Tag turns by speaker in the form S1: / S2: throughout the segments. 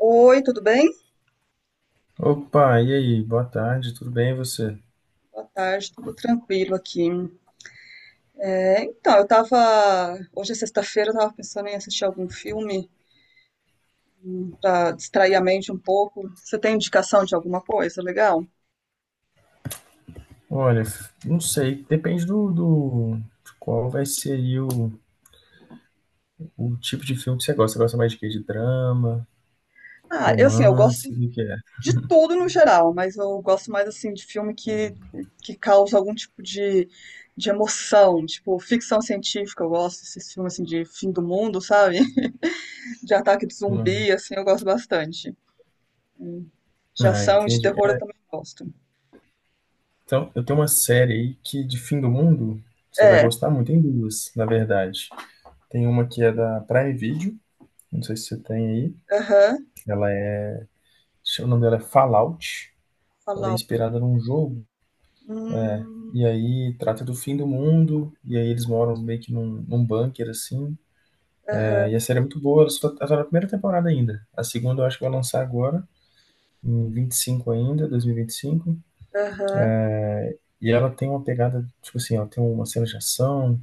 S1: Oi, tudo bem?
S2: Opa, e aí? Boa tarde, tudo bem e você?
S1: Boa tarde, tudo tranquilo aqui. É, então, eu tava. Hoje é sexta-feira, eu tava pensando em assistir algum filme pra distrair a mente um pouco. Você tem indicação de alguma coisa legal?
S2: Olha, não sei, depende do de qual vai ser aí o tipo de filme que você gosta. Você gosta mais de quê? De drama,
S1: Ah, eu assim, eu gosto
S2: romance, o que é?
S1: de tudo no geral, mas eu gosto mais assim de filme que causa algum tipo de emoção, tipo ficção científica, eu gosto desses filmes assim de fim do mundo, sabe? De ataque de
S2: Hum.
S1: zumbi, assim, eu gosto bastante. De
S2: Ah,
S1: ação e de
S2: entendi.
S1: terror eu
S2: É,
S1: também gosto.
S2: então, eu tenho uma série aí que de fim do mundo você vai
S1: É,
S2: gostar muito. Tem duas, na verdade. Tem uma que é da Prime Video, não sei se você tem aí.
S1: aham.
S2: Ela é, o nome dela é Fallout. Ela é
S1: Falar.
S2: inspirada num jogo.
S1: Hum,
S2: E aí trata do fim do mundo, e aí eles moram meio que num bunker, assim.
S1: aham,
S2: É, e a série é muito boa, ela tá na primeira temporada ainda. A segunda eu acho que vai lançar agora, em 25 ainda, 2025. E vinte e cinco.
S1: aham,
S2: E ela tem uma pegada, tipo assim, ela tem uma cena de ação,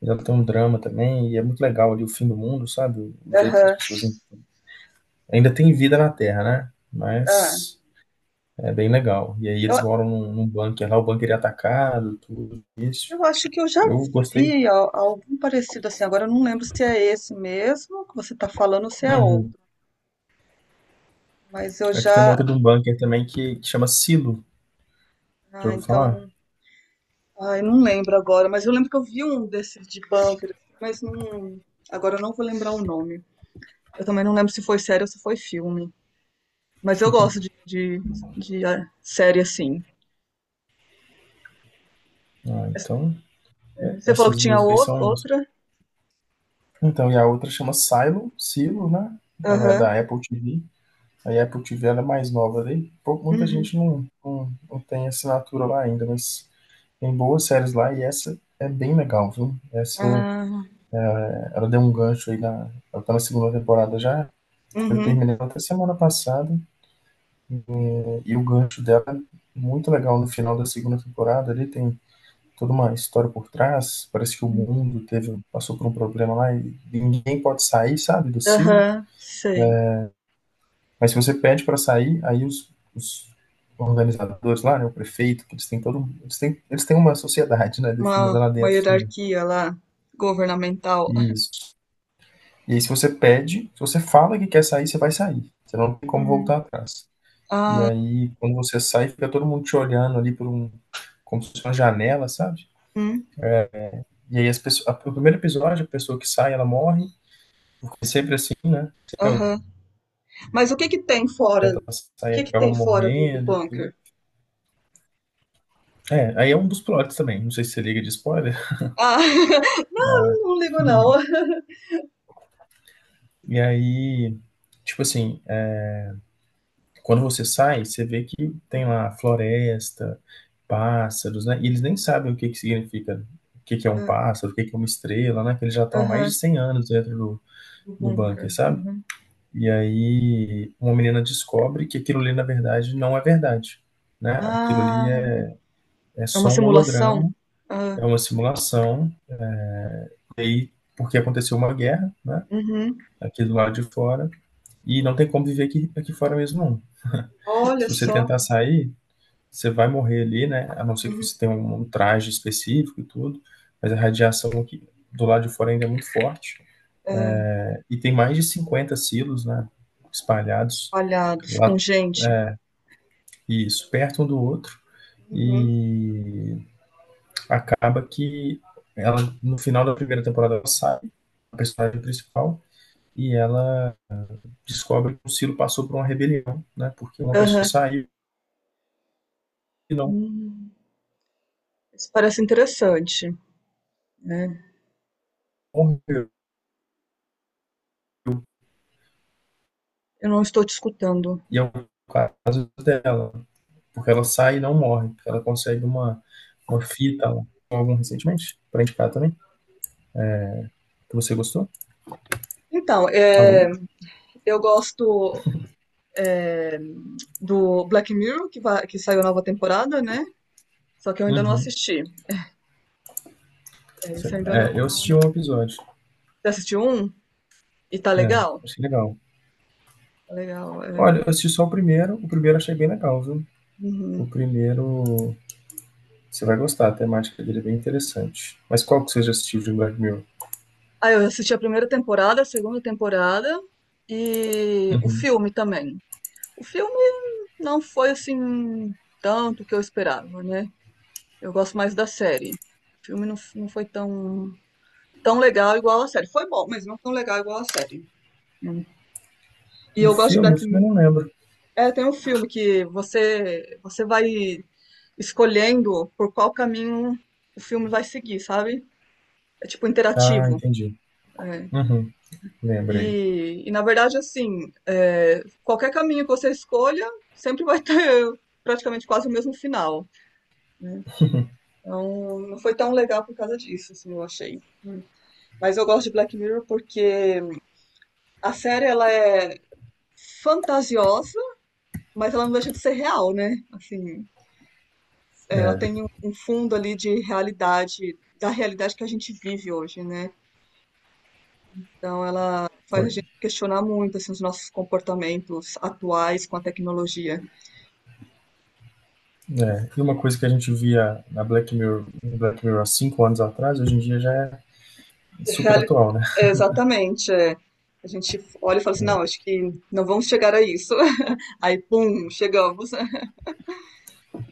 S2: mas ela tem um drama também, e é muito legal ali o fim do mundo, sabe? O jeito que as
S1: aham.
S2: pessoas... Ainda tem vida na Terra, né?
S1: Ah,
S2: Mas é bem legal. E aí
S1: eu,
S2: eles moram num bunker lá, o bunker é atacado, tudo isso.
S1: eu acho que eu já
S2: Eu gostei.
S1: vi algum parecido assim. Agora eu não lembro se é esse mesmo que você está falando ou se é
S2: Uhum.
S1: outro. Mas eu
S2: Aqui tem uma
S1: já.
S2: outra de um bunker também que chama Silo. Já
S1: Ah,
S2: ouviu falar?
S1: então. Ai, não lembro agora. Mas eu lembro que eu vi um desses de bunker, assim, mas não. Agora eu não vou lembrar o nome. Eu também não lembro se foi série ou se foi filme. Mas eu gosto de série assim.
S2: Ah, então,
S1: Você falou que
S2: essas
S1: tinha
S2: duas aí são.
S1: outra?
S2: Então, e a outra chama Silo, Silo, né? Ela é
S1: Aham.
S2: da Apple TV. Aí a Apple TV ela é mais nova ali. Muita
S1: Uhum.
S2: gente não tem assinatura lá ainda, mas tem boas séries lá e essa é bem legal, viu? Essa,
S1: Ah,
S2: ela deu um gancho aí na. Ela tá na segunda temporada já. Eu
S1: uhum.
S2: terminei ela até semana passada, né? E o gancho dela é muito legal no final da segunda temporada ali. Tem toda uma história por trás. Parece que o mundo teve, passou por um problema lá e ninguém pode sair, sabe, do silo.
S1: Aham, sei.
S2: Mas se você pede para sair, aí os organizadores lá, né, o prefeito, que eles têm todo, um, eles têm uma sociedade, né,
S1: Uma,
S2: definida lá
S1: uma
S2: dentro também.
S1: hierarquia lá, governamental.
S2: Isso. E aí se você pede, se você fala que quer sair, você vai sair. Você não tem como
S1: Uhum,
S2: voltar atrás. E aí quando você sai, fica todo mundo te olhando ali por um como se fosse uma janela, sabe?
S1: uhum,
S2: E aí as pessoas, no primeiro episódio, a pessoa que sai, ela morre. Porque sempre assim, né? Sempre alguém
S1: aham. Mas o que que tem fora?
S2: tenta
S1: O
S2: passar e
S1: que que
S2: acaba
S1: tem fora do
S2: morrendo e tudo.
S1: bunker?
S2: É, aí é um dos plots também. Não sei se você liga de spoiler.
S1: Ah, não ligo não.
S2: E, e aí, tipo assim, é, quando você sai, você vê que tem
S1: Hum,
S2: lá floresta, pássaros, né? E eles nem sabem o que que significa, o que que é um
S1: ah,
S2: pássaro, o que que é uma estrela, né? Que eles já estão há mais de
S1: aham,
S2: 100 anos dentro do,
S1: do
S2: do bunker,
S1: bunker.
S2: sabe?
S1: Uhum.
S2: E aí uma menina descobre que aquilo ali, na verdade, não é verdade, né? Aquilo ali
S1: Ah,
S2: é
S1: é uma
S2: só um
S1: simulação?
S2: holograma.
S1: Ah,
S2: É uma simulação, e aí, porque aconteceu uma guerra, né?
S1: uhum.
S2: Aqui do lado de fora, e não tem como viver aqui, aqui fora mesmo, não. Se
S1: Olha
S2: você
S1: só.
S2: tentar sair, você vai morrer ali, né? A não ser que
S1: Uhum.
S2: você tenha um traje específico e tudo, mas a radiação aqui do lado de fora ainda é muito forte,
S1: É,
S2: né? E tem mais de 50 silos, né? Espalhados
S1: espalhados
S2: lá,
S1: com gente.
S2: isso, perto um do outro,
S1: Uhum.
S2: e acaba que ela, no final da primeira temporada, ela sai, a personagem principal, e ela descobre que o Ciro passou por uma rebelião, né? Porque uma pessoa
S1: Aham.
S2: saiu e não
S1: Hum, isso parece interessante, né?
S2: morreu.
S1: Eu não estou te escutando.
S2: E é o caso dela, porque ela sai e não morre. Ela consegue uma fita lá. Algum recentemente, pra indicar também, que você gostou.
S1: Então, é.
S2: Alô?
S1: Eu gosto do Black Mirror, que saiu a nova temporada, né? Só que eu ainda não
S2: Uhum.
S1: assisti. É, esse eu ainda
S2: É,
S1: não,
S2: eu
S1: não,
S2: assisti
S1: não.
S2: um episódio.
S1: Você assistiu um? E tá
S2: É,
S1: legal?
S2: achei legal.
S1: Tá legal, é.
S2: Olha, eu assisti só o primeiro. O primeiro achei bem legal, viu? O
S1: Uhum.
S2: primeiro você vai gostar, a temática dele é bem interessante. Mas qual que você já assistiu de Black Mirror?
S1: Ah, eu assisti a primeira temporada, a segunda temporada e o
S2: Uhum.
S1: filme também. O filme não foi assim tanto que eu esperava, né? Eu gosto mais da série. O filme não, não foi tão legal igual a série. Foi bom, mas não tão legal igual a série. Hum. E
S2: O
S1: eu gosto de
S2: filme, o
S1: Black.
S2: filme eu não lembro.
S1: É, tem um filme que você vai escolhendo por qual caminho o filme vai seguir, sabe? É tipo
S2: Ah,
S1: interativo.
S2: entendi.
S1: É.
S2: Uhum, lembrei.
S1: E na verdade, assim, é, qualquer caminho que você escolha sempre vai ter praticamente quase o mesmo final, né? Então, não foi tão legal por causa disso, assim, eu achei. Hum. Mas eu gosto de Black Mirror porque a série ela é fantasiosa, mas ela não deixa de ser real, né? Assim, ela
S2: É,
S1: tem um fundo ali de realidade, da realidade que a gente vive hoje, né? Então ela faz a gente
S2: foi-
S1: questionar muito assim, os nossos comportamentos atuais com a tecnologia.
S2: é. E uma coisa que a gente via na Black Mirror, no Black Mirror há 5 anos atrás, hoje em dia já é super
S1: Reali-
S2: atual, né?
S1: É, exatamente. É. A gente olha e fala assim, não, acho que não vamos chegar a isso. Aí, pum, chegamos.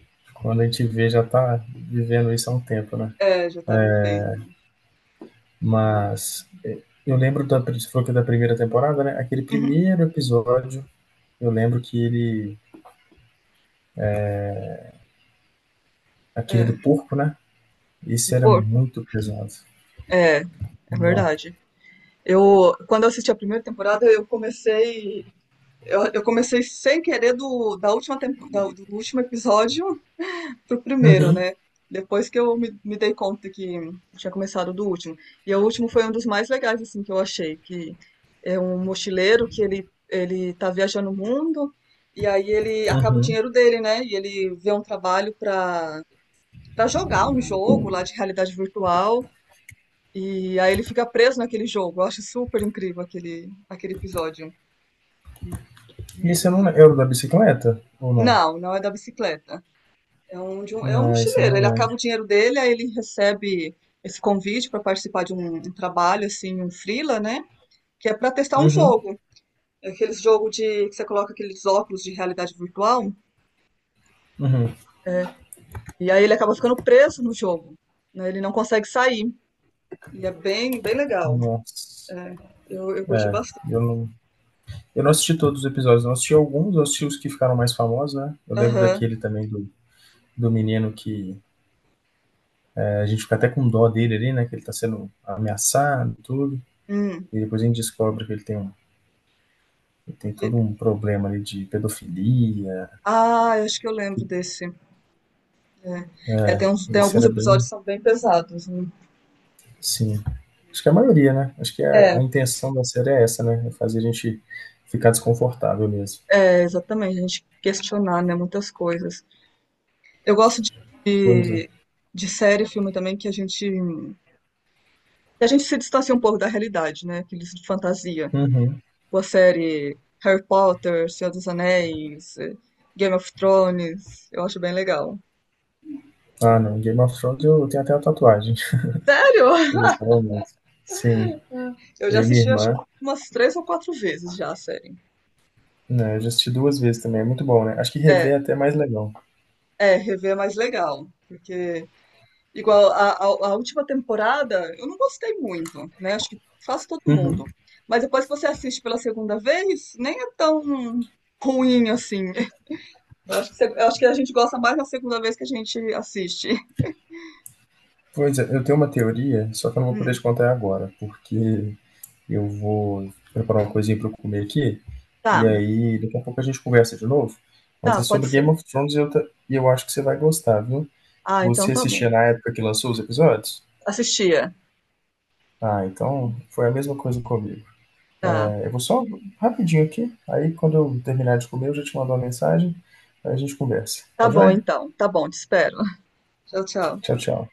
S2: Quando a gente vê, já tá vivendo isso há um tempo, né?
S1: É, já tá vivendo.
S2: Mas é, eu lembro da, você falou que é da primeira temporada, né? Aquele
S1: Uhum.
S2: primeiro episódio, eu lembro que ele, aquele
S1: É,
S2: do porco, né?
S1: um
S2: Esse era
S1: porco.
S2: muito pesado.
S1: É, é
S2: Não.
S1: verdade. Eu, quando eu assisti a primeira temporada, eu comecei sem querer do, da última tempo- da- do último episódio pro primeiro,
S2: Uhum,
S1: né? Depois que eu me dei conta que tinha começado do último. E o último foi um dos mais legais, assim, que eu achei. Que é um mochileiro que ele tá viajando o mundo e aí ele acaba o
S2: uhum.
S1: dinheiro dele, né? E ele vê um trabalho pra, jogar um jogo lá de realidade virtual. E aí ele fica preso naquele jogo. Eu acho super incrível aquele episódio.
S2: E
S1: Ele-
S2: esse eu
S1: ele
S2: não,
S1: fica-
S2: era o da bicicleta ou não?
S1: Não, não é da bicicleta. É um
S2: Não, esse eu
S1: mochileiro.
S2: não
S1: Ele acaba
S2: lembro.
S1: o dinheiro dele, aí ele recebe esse convite para participar de um trabalho, assim, um freela, né? Que é para testar um
S2: Uhum,
S1: jogo. É aqueles jogo de que você coloca aqueles óculos de realidade virtual.
S2: uhum.
S1: É, e aí ele acaba ficando preso no jogo, né. Ele não consegue sair. E é bem, bem legal.
S2: Nossa.
S1: É, eu curti bastante.
S2: Eu não, eu não assisti todos os episódios, não assisti alguns, eu assisti os que ficaram mais famosos, né? Eu lembro
S1: Aham.
S2: daquele também do menino que é, a gente fica até com dó dele ali, né? Que ele tá sendo ameaçado e tudo.
S1: Hum.
S2: E depois a gente descobre que ele tem, um, ele tem
S1: Que-
S2: todo um problema ali de pedofilia.
S1: Ah, eu acho que eu lembro desse. É, tem
S2: Isso
S1: alguns
S2: era
S1: episódios que
S2: bem.
S1: são bem pesados, né?
S2: Sim. Acho que a maioria, né? Acho que
S1: É,
S2: a intenção da série é essa, né? É fazer a gente ficar desconfortável mesmo.
S1: é, exatamente. A gente questionar, né, muitas coisas. Eu gosto
S2: Pois é.
S1: de, de série e filme também que a gente se distancia um pouco da realidade, né? Aqueles de fantasia.
S2: Uhum.
S1: Tipo a série Harry Potter, Senhor dos Anéis, eh, Game of Thrones. Eu acho bem legal.
S2: Ah, não. Game of Thrones eu tenho até uma tatuagem.
S1: Sério?
S2: Eu gostava muito. Sim.
S1: Eu já
S2: Eu e minha
S1: assisti acho que
S2: irmã,
S1: umas três ou quatro vezes já a série.
S2: né, eu já assisti 2 vezes também, é muito bom, né? Acho que rever
S1: É,
S2: é até mais legal.
S1: é, rever é mais legal. Porque igual a última temporada, eu não gostei muito, né? Acho que faz todo
S2: Uhum.
S1: mundo. Mas depois que você assiste pela segunda vez, nem é tão ruim assim. Eu acho que, eu acho que a gente gosta mais na segunda vez que a gente assiste.
S2: Pois é, eu tenho uma teoria, só que eu não vou poder te
S1: Hum,
S2: contar agora, porque eu vou preparar uma coisinha para eu comer aqui, e
S1: tá,
S2: aí daqui a pouco a gente conversa de novo. Mas
S1: tá,
S2: é
S1: pode
S2: sobre Game
S1: ser.
S2: of Thrones e eu acho que você vai gostar, viu?
S1: Ah, então
S2: Você
S1: tá bom.
S2: assistia na época que lançou os episódios?
S1: Assistia.
S2: Ah, então foi a mesma coisa comigo.
S1: Tá,
S2: É, eu vou só rapidinho aqui, aí quando eu terminar de comer, eu já te mando uma mensagem, aí a gente conversa.
S1: tá
S2: Tá
S1: bom
S2: joia?
S1: então. Tá bom, te espero. Tchau, tchau.
S2: Tchau, tchau.